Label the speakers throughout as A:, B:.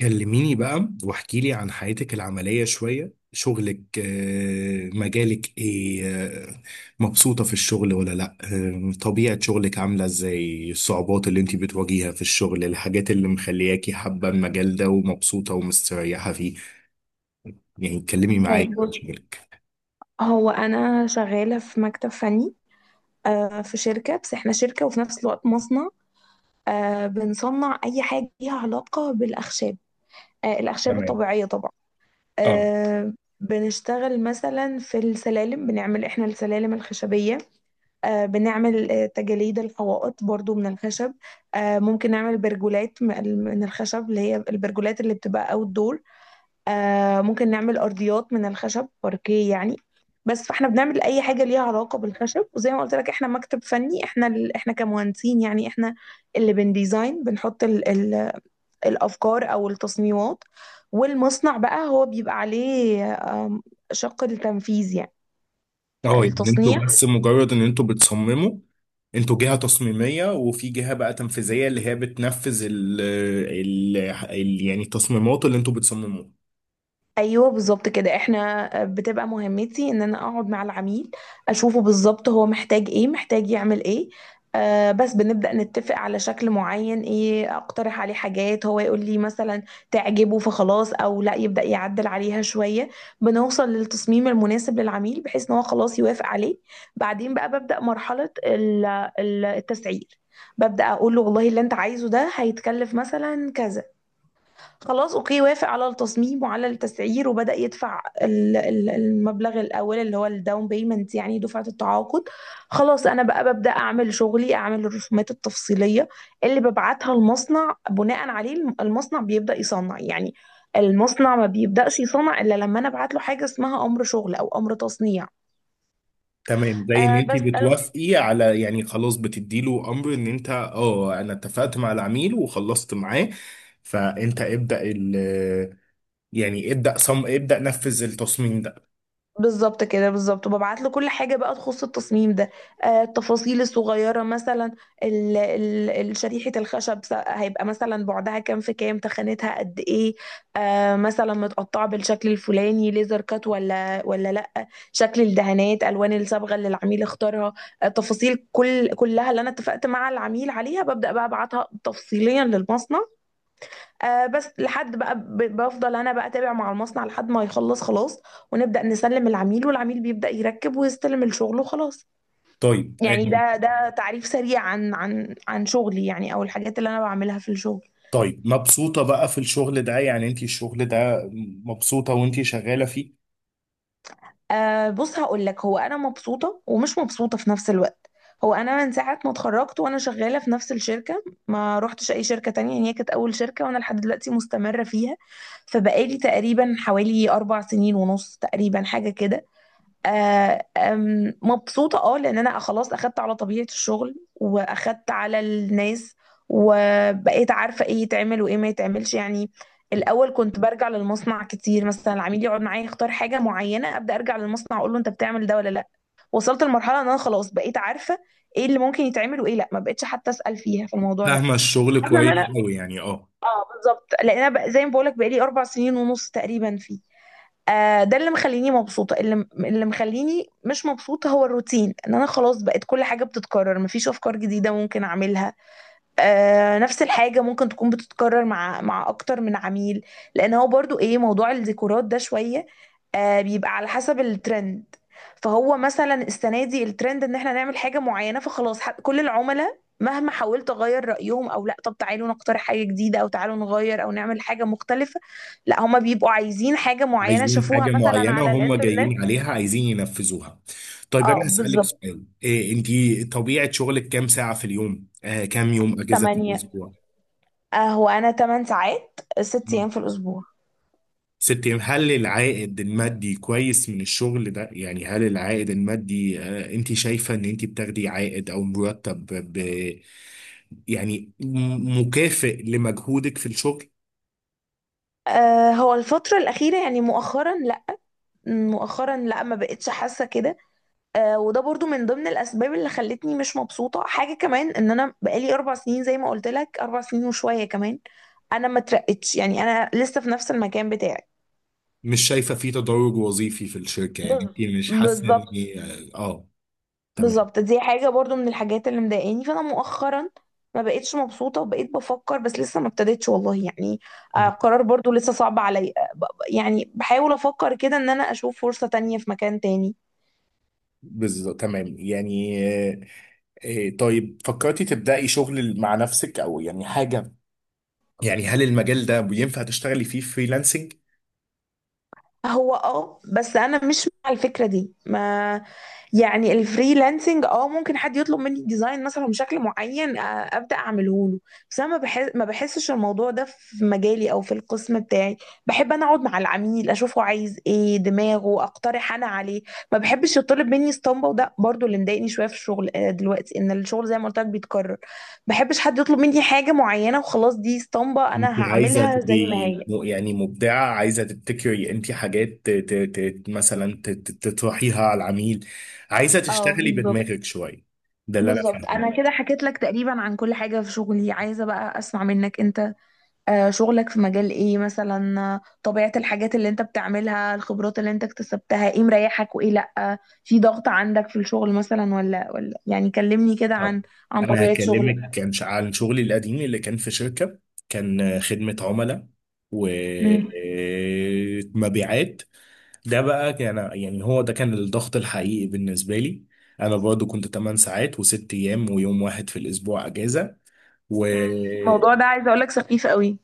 A: كلميني بقى واحكي لي عن حياتك العملية شوية. شغلك، مجالك ايه؟ مبسوطة في الشغل ولا لا؟ طبيعة شغلك عاملة ازاي؟ الصعوبات اللي انت بتواجهيها في الشغل، الحاجات اللي مخلياكي حابة المجال ده ومبسوطة ومستريحة فيه، يعني اتكلمي معايا
B: طيب، بص.
A: عن شغلك.
B: هو انا شغاله في مكتب فني، في شركه، بس احنا شركه وفي نفس الوقت مصنع. بنصنع اي حاجه ليها علاقه بالاخشاب، الاخشاب
A: تمام.
B: الطبيعيه طبعا.
A: اه.
B: آه، بنشتغل مثلا في السلالم، بنعمل احنا السلالم الخشبيه. بنعمل تجاليد الحوائط برضو من الخشب. ممكن نعمل برجولات من الخشب، اللي هي البرجولات اللي بتبقى اوت دور. ممكن نعمل أرضيات من الخشب، باركيه يعني. بس فاحنا بنعمل أي حاجة ليها علاقة بالخشب، وزي ما قلت لك احنا مكتب فني، احنا احنا كمهندسين يعني، احنا اللي بنديزاين بنحط الأفكار أو التصميمات. والمصنع بقى هو بيبقى عليه شق التنفيذ يعني،
A: اه يعني انتوا
B: التصنيع.
A: بس مجرد ان انتوا بتصمموا، انتوا جهة تصميمية وفي جهة بقى تنفيذية اللي هي بتنفذ يعني التصميمات اللي انتوا بتصمموها.
B: ايوه بالظبط كده. احنا بتبقى مهمتي ان انا اقعد مع العميل، اشوفه بالظبط هو محتاج ايه، محتاج يعمل ايه. بس بنبدأ نتفق على شكل معين، ايه اقترح عليه حاجات، هو يقول لي مثلا تعجبه فخلاص، او لا يبدأ يعدل عليها شوية. بنوصل للتصميم المناسب للعميل بحيث ان هو خلاص يوافق عليه. بعدين بقى ببدأ مرحلة التسعير، ببدأ اقول له والله اللي انت عايزه ده هيتكلف مثلا كذا. خلاص اوكي، وافق على التصميم وعلى التسعير، وبدأ يدفع المبلغ الاول اللي هو الداون بيمنت، يعني دفعة التعاقد. خلاص، انا بقى ببدأ اعمل شغلي، اعمل الرسومات التفصيلية اللي ببعتها المصنع، بناء عليه المصنع بيبدأ يصنع يعني. المصنع ما بيبدأش يصنع الا لما انا ابعت له حاجة اسمها امر شغل او امر تصنيع.
A: تمام، زي ان
B: أه
A: انت
B: بس.
A: بتوافقي على، يعني، خلاص بتدي له امر ان انت انا اتفقت مع العميل وخلصت معاه. فانت ابدأ يعني ابدأ ابدأ نفذ التصميم ده.
B: بالظبط كده بالظبط، وببعت له كل حاجه بقى تخص التصميم ده، التفاصيل الصغيره مثلا، شريحه الخشب هيبقى مثلا بعدها كام في كام، تخانتها قد ايه، مثلا متقطعه بالشكل الفلاني ليزر كات ولا لا، شكل الدهانات، الوان الصبغه اللي العميل اختارها. تفاصيل كلها اللي انا اتفقت مع العميل عليها، ببدا بقى ابعتها تفصيليا للمصنع. بس لحد بقى بفضل انا بقى اتابع مع المصنع لحد ما يخلص خلاص، ونبدا نسلم العميل والعميل بيبدا يركب ويستلم الشغل وخلاص.
A: طيب.
B: يعني ده تعريف سريع عن شغلي يعني، او الحاجات اللي انا بعملها في الشغل.
A: طيب، مبسوطة بقى في الشغل ده؟ يعني انت الشغل ده مبسوطة وانت شغالة فيه؟
B: بص هقول لك. هو انا مبسوطه ومش مبسوطه في نفس الوقت. هو انا من ساعه ما اتخرجت وانا شغاله في نفس الشركه، ما روحتش اي شركه تانية يعني، هي كانت اول شركه وانا لحد دلوقتي مستمره فيها. فبقالي تقريبا حوالي 4 سنين ونص تقريبا، حاجه كده. آه، آم، مبسوطة، لان انا خلاص اخدت على طبيعة الشغل واخدت على الناس، وبقيت عارفة ايه يتعمل وايه ما يتعملش يعني. الاول كنت برجع للمصنع كتير، مثلا العميل يقعد معايا يختار حاجة معينة ابدا ارجع للمصنع اقول له انت بتعمل ده ولا لا. وصلت لمرحلة ان انا خلاص بقيت عارفة ايه اللي ممكن يتعمل وايه لا، ما بقتش حتى اسأل فيها في الموضوع ده.
A: فاهمة الشغل
B: حاسة ان
A: كويس
B: انا،
A: أوي يعني. اه.
B: اه بالظبط، لان انا زي ما بقولك بقالي 4 سنين ونص تقريبا فيه. ده اللي مخليني مبسوطة. اللي مخليني مش مبسوطة هو الروتين، ان انا خلاص بقت كل حاجة بتتكرر، مفيش افكار جديدة ممكن اعملها. نفس الحاجة ممكن تكون بتتكرر مع أكتر من عميل. لأن هو برضو إيه، موضوع الديكورات ده شوية بيبقى على حسب الترند. فهو مثلا السنة دي الترند إن إحنا نعمل حاجة معينة، فخلاص، كل العملاء مهما حاولت أغير رأيهم أو لأ، طب تعالوا نقترح حاجة جديدة أو تعالوا نغير أو نعمل حاجة مختلفة. لأ، هما بيبقوا عايزين حاجة معينة
A: عايزين
B: شافوها
A: حاجة
B: مثلا
A: معينة
B: على
A: وهم
B: الإنترنت.
A: جايين عليها عايزين ينفذوها. طيب،
B: اه
A: أنا هسألك
B: بالظبط.
A: سؤال. إيه أنتي طبيعة شغلك؟ كام ساعة في اليوم؟ كام يوم أجازة في
B: تمانية.
A: الأسبوع؟
B: هو أنا 8 ساعات، 6 أيام
A: مم.
B: في الأسبوع.
A: ست أيام. هل العائد المادي كويس من الشغل ده؟ يعني هل العائد المادي، أنتي شايفة إن أنتي بتاخدي عائد أو مرتب ب- يعني مكافئ لمجهودك في الشغل؟
B: هو الفترة الأخيرة يعني مؤخرا لا، مؤخرا لا، ما بقتش حاسة كده. وده برضو من ضمن الأسباب اللي خلتني مش مبسوطة. حاجة كمان إن أنا بقالي 4 سنين زي ما قلت لك، 4 سنين وشوية كمان، أنا ما اترقتش يعني، أنا لسه في نفس المكان بتاعي.
A: مش شايفة فيه تدرج وظيفي في الشركة؟ يعني
B: بز-
A: أنتي مش حاسة إن...
B: بالظبط
A: آه، آه. تمام.
B: بالظبط. دي حاجة برضو من الحاجات اللي مضايقاني، فأنا مؤخرا ما بقتش مبسوطة، وبقيت بفكر بس لسه ما ابتديتش والله يعني.
A: مم.
B: قرار برضو لسه صعب عليا، يعني بحاول أفكر كده إن أنا أشوف فرصة تانية في مكان تاني.
A: بالظبط، تمام، يعني. طيب، فكرتي تبدأي شغل مع نفسك او يعني حاجة؟ يعني هل المجال ده ينفع تشتغلي فيه فريلانسنج؟
B: هو بس انا مش مع الفكره دي، ما يعني الفريلانسنج ممكن حد يطلب مني ديزاين مثلا بشكل معين، ابدا اعمله له. بس انا ما بحسش الموضوع ده في مجالي او في القسم بتاعي. بحب انا اقعد مع العميل اشوفه عايز ايه دماغه، اقترح انا عليه. ما بحبش يطلب مني اسطمبه، وده برضو اللي مضايقني شويه في الشغل، دلوقتي ان الشغل زي ما قلت لك بيتكرر. ما بحبش حد يطلب مني حاجه معينه وخلاص، دي اسطمبه
A: انت
B: انا
A: عايزة
B: هعملها
A: تبقي،
B: زي ما هي.
A: يعني، مبدعة، عايزة تبتكري انت حاجات مثلا تطرحيها على العميل. عايزة
B: اه
A: تشتغلي
B: بالظبط
A: بدماغك شوية. ده اللي انا
B: بالظبط. انا
A: فاهمه.
B: كده حكيت لك تقريبا عن كل حاجه في شغلي، عايزه بقى اسمع منك انت. شغلك في مجال ايه مثلا، طبيعه الحاجات اللي انت بتعملها، الخبرات اللي انت اكتسبتها، ايه مريحك وايه لا، في ضغط عندك في الشغل مثلا ولا يعني، كلمني كده
A: طب
B: عن
A: انا
B: طبيعه شغلك.
A: هكلمك كان عن شغلي القديم اللي كان في شركة. كان، خدمة عملاء
B: مم.
A: ومبيعات. ده بقى كان، يعني، هو ده كان الضغط الحقيقي بالنسبة لي. أنا برضو كنت 8 ساعات وست أيام، ويوم واحد في الأسبوع أجازة. و...
B: مم. الموضوع ده عايزه اقول لك سخيف قوي.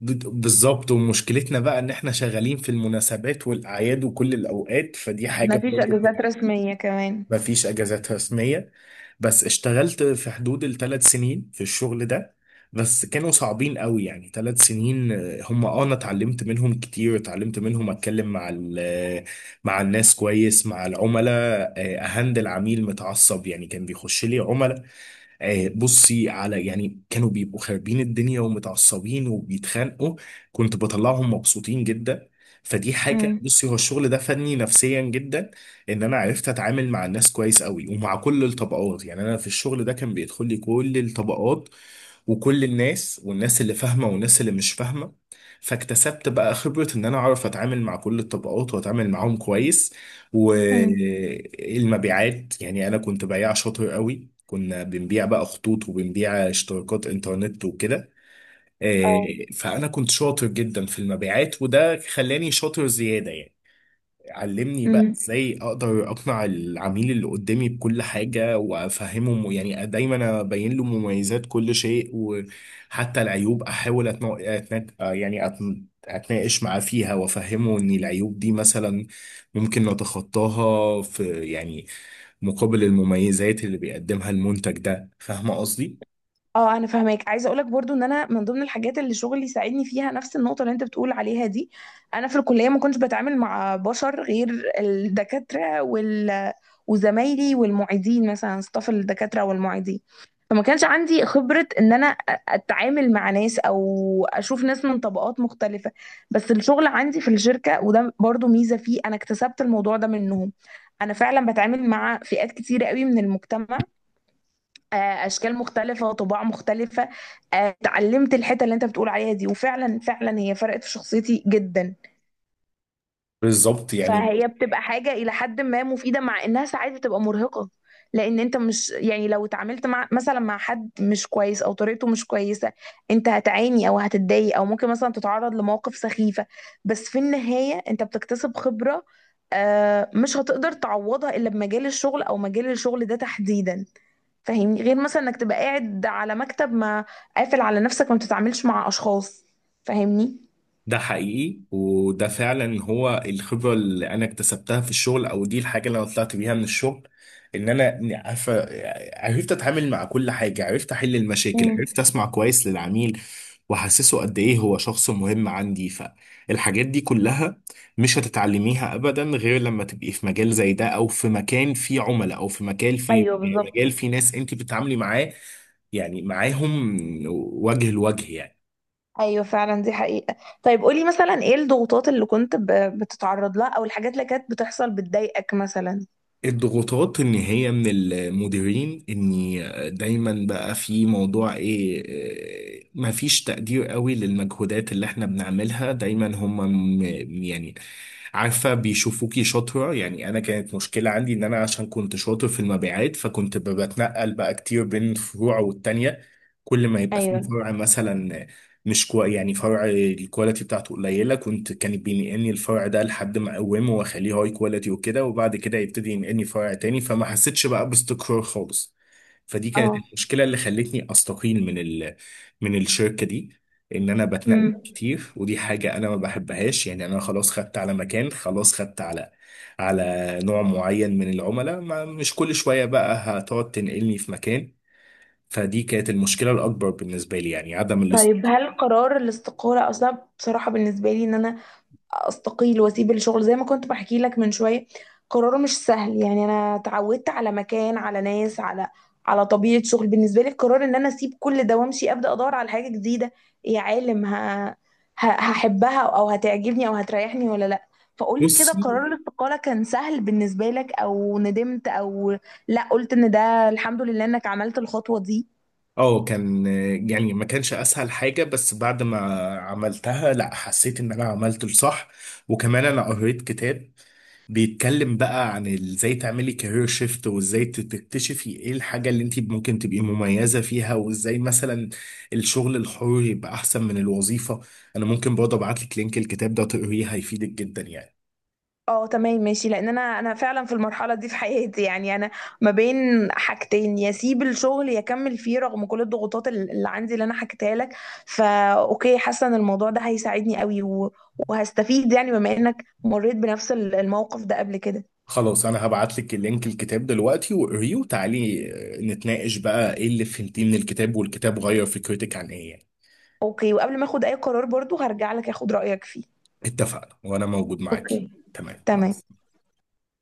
A: بالظبط، ومشكلتنا بقى إن إحنا شغالين في المناسبات والأعياد وكل الأوقات، فدي حاجة
B: مفيش
A: برضو.
B: اجازات رسميه كمان.
A: ما فيش اجازات رسميه. بس اشتغلت في حدود ال3 سنين في الشغل ده. بس كانوا صعبين قوي، يعني 3 سنين. هم، انا اتعلمت منهم كتير، اتعلمت منهم اتكلم مع مع الناس كويس، مع العملاء. اهندل عميل متعصب، يعني كان بيخش لي عملاء. بصي، على يعني كانوا بيبقوا خاربين الدنيا ومتعصبين وبيتخانقوا، كنت بطلعهم مبسوطين جدا. فدي حاجة.
B: امم.
A: بصي، هو الشغل ده فادني نفسيا جدا، ان انا عرفت اتعامل مع الناس كويس قوي ومع كل الطبقات. يعني انا في الشغل ده كان بيدخل لي كل الطبقات وكل الناس، والناس اللي فاهمة والناس اللي مش فاهمة. فاكتسبت بقى خبرة ان انا اعرف اتعامل مع كل الطبقات واتعامل معاهم كويس. والمبيعات، يعني انا كنت بياع شاطر قوي، كنا بنبيع بقى خطوط وبنبيع اشتراكات انترنت وكده. آه، فانا كنت شاطر جدا في المبيعات، وده خلاني شاطر زيادة يعني. علمني بقى
B: امم.
A: ازاي اقدر اقنع العميل اللي قدامي بكل حاجة وافهمه، يعني دايما ابين له مميزات كل شيء، وحتى العيوب احاول اتناقش معاه فيها، وافهمه ان العيوب دي مثلا ممكن نتخطاها في، يعني، مقابل المميزات اللي بيقدمها المنتج ده. فاهمة قصدي؟
B: اه، انا فاهماك. عايزه اقولك برضو ان انا من ضمن الحاجات اللي شغلي ساعدني فيها نفس النقطه اللي انت بتقول عليها دي. انا في الكليه ما كنتش بتعامل مع بشر غير الدكاتره وزمايلي والمعيدين، مثلا ستاف الدكاتره والمعيدين. فما كانش عندي خبره ان انا اتعامل مع ناس او اشوف ناس من طبقات مختلفه. بس الشغل عندي في الشركه، وده برضو ميزه فيه، انا اكتسبت الموضوع ده منهم. انا فعلا بتعامل مع فئات كتيره قوي من المجتمع، آه، اشكال مختلفه وطباع مختلفه. اتعلمت الحته اللي انت بتقول عليها دي، وفعلا فعلا هي فرقت في شخصيتي جدا.
A: بالظبط، يعني.
B: فهي بتبقى حاجه الى حد ما مفيده، مع انها ساعات بتبقى مرهقه. لان انت مش يعني لو اتعاملت مع مثلا مع حد مش كويس او طريقته مش كويسه، انت هتعاني او هتتضايق او ممكن مثلا تتعرض لمواقف سخيفه. بس في النهايه انت بتكتسب خبره، مش هتقدر تعوضها الا بمجال الشغل او مجال الشغل ده تحديدا. فاهمني، غير مثلا انك تبقى قاعد على مكتب ما، قافل على نفسك ما بتتعاملش مع اشخاص. فاهمني؟
A: ده حقيقي، وده فعلا هو الخبرة اللي أنا اكتسبتها في الشغل، أو دي الحاجة اللي أنا طلعت بيها من الشغل. إن أنا عارفة، عرفت أتعامل مع كل حاجة، عرفت أحل المشاكل،
B: امم.
A: عرفت أسمع كويس للعميل وأحسسه قد إيه هو شخص مهم عندي. فالحاجات دي كلها مش هتتعلميها أبدا غير لما تبقي في مجال زي ده، أو في مكان فيه عملاء، أو في مكان فيه
B: ايوه بالظبط.
A: مجال فيه ناس أنت بتتعاملي معاه، يعني معاهم، وجه لوجه يعني.
B: ايوه فعلا، دي حقيقة. طيب قولي مثلا ايه الضغوطات اللي كنت بتتعرض لها او الحاجات اللي كانت بتحصل بتضايقك مثلا.
A: الضغوطات ان هي من المديرين، اني دايما بقى في موضوع ايه، ما فيش تقدير قوي للمجهودات اللي احنا بنعملها دايما. هم، م- يعني، عارفة، بيشوفوكي شاطرة. يعني انا كانت مشكلة عندي ان انا عشان كنت شاطر في المبيعات، فكنت بتنقل بقى كتير بين فروع والتانية. كل ما يبقى في
B: ايوه.
A: فرع مثلا مش كو يعني فرع الكواليتي بتاعته قليله، كان بينقلني الفرع ده لحد ما اقومه واخليه هاي كواليتي وكده، وبعد كده يبتدي ينقلني فرع تاني. فما حسيتش بقى باستقرار خالص. فدي كانت
B: اه.
A: المشكله اللي خلتني استقيل من الشركه دي، ان انا بتنقل
B: امم.
A: كتير ودي حاجه انا ما بحبهاش. يعني انا خلاص خدت على مكان، خلاص خدت على نوع معين من العملاء، ما مش كل شويه بقى هتقعد تنقلني في مكان. فدي كانت المشكله الاكبر بالنسبه لي، يعني عدم
B: طيب، هل قرار الاستقالة اصلا، بصراحة بالنسبة لي ان انا استقيل واسيب الشغل زي ما كنت بحكي لك من شويه، قراره مش سهل، يعني انا اتعودت على مكان على ناس على طبيعه شغل، بالنسبه لي القرار ان انا اسيب كل ده وامشي ابدا ادور على حاجه جديده، إيه يا عالم، هحبها او هتعجبني او هتريحني ولا لا؟ فقولي كده
A: الاستقرار.
B: قرار الاستقاله كان سهل بالنسبه لك او ندمت، او لا قلت ان ده الحمد لله انك عملت الخطوه دي؟
A: اه، كان، يعني، ما كانش اسهل حاجة، بس بعد ما عملتها، لا، حسيت ان انا عملت الصح. وكمان انا قريت كتاب بيتكلم بقى عن ازاي تعملي كارير شيفت، وازاي تكتشفي ايه الحاجة اللي انت ممكن تبقي مميزة فيها، وازاي مثلا الشغل الحر يبقى احسن من الوظيفة. انا ممكن برضه ابعت لك لينك الكتاب ده، تقريه هيفيدك جدا يعني.
B: اه تمام ماشي. لان انا فعلا في المرحله دي في حياتي، يعني انا ما بين حاجتين، يا اسيب الشغل يا اكمل فيه رغم كل الضغوطات اللي عندي، اللي انا حكيتها لك. فا اوكي، حاسه ان الموضوع ده هيساعدني قوي وهستفيد يعني، بما انك مريت بنفس الموقف ده قبل كده.
A: خلاص، انا هبعت لك لينك الكتاب دلوقتي وقريه، وتعالي نتناقش بقى ايه اللي فهمتيه من الكتاب، والكتاب غير فكرتك عن ايه يعني.
B: اوكي، وقبل ما اخد اي قرار برضو هرجع لك اخد رايك فيه.
A: اتفقنا، وانا موجود معاك.
B: اوكي.
A: تمام.
B: تمام.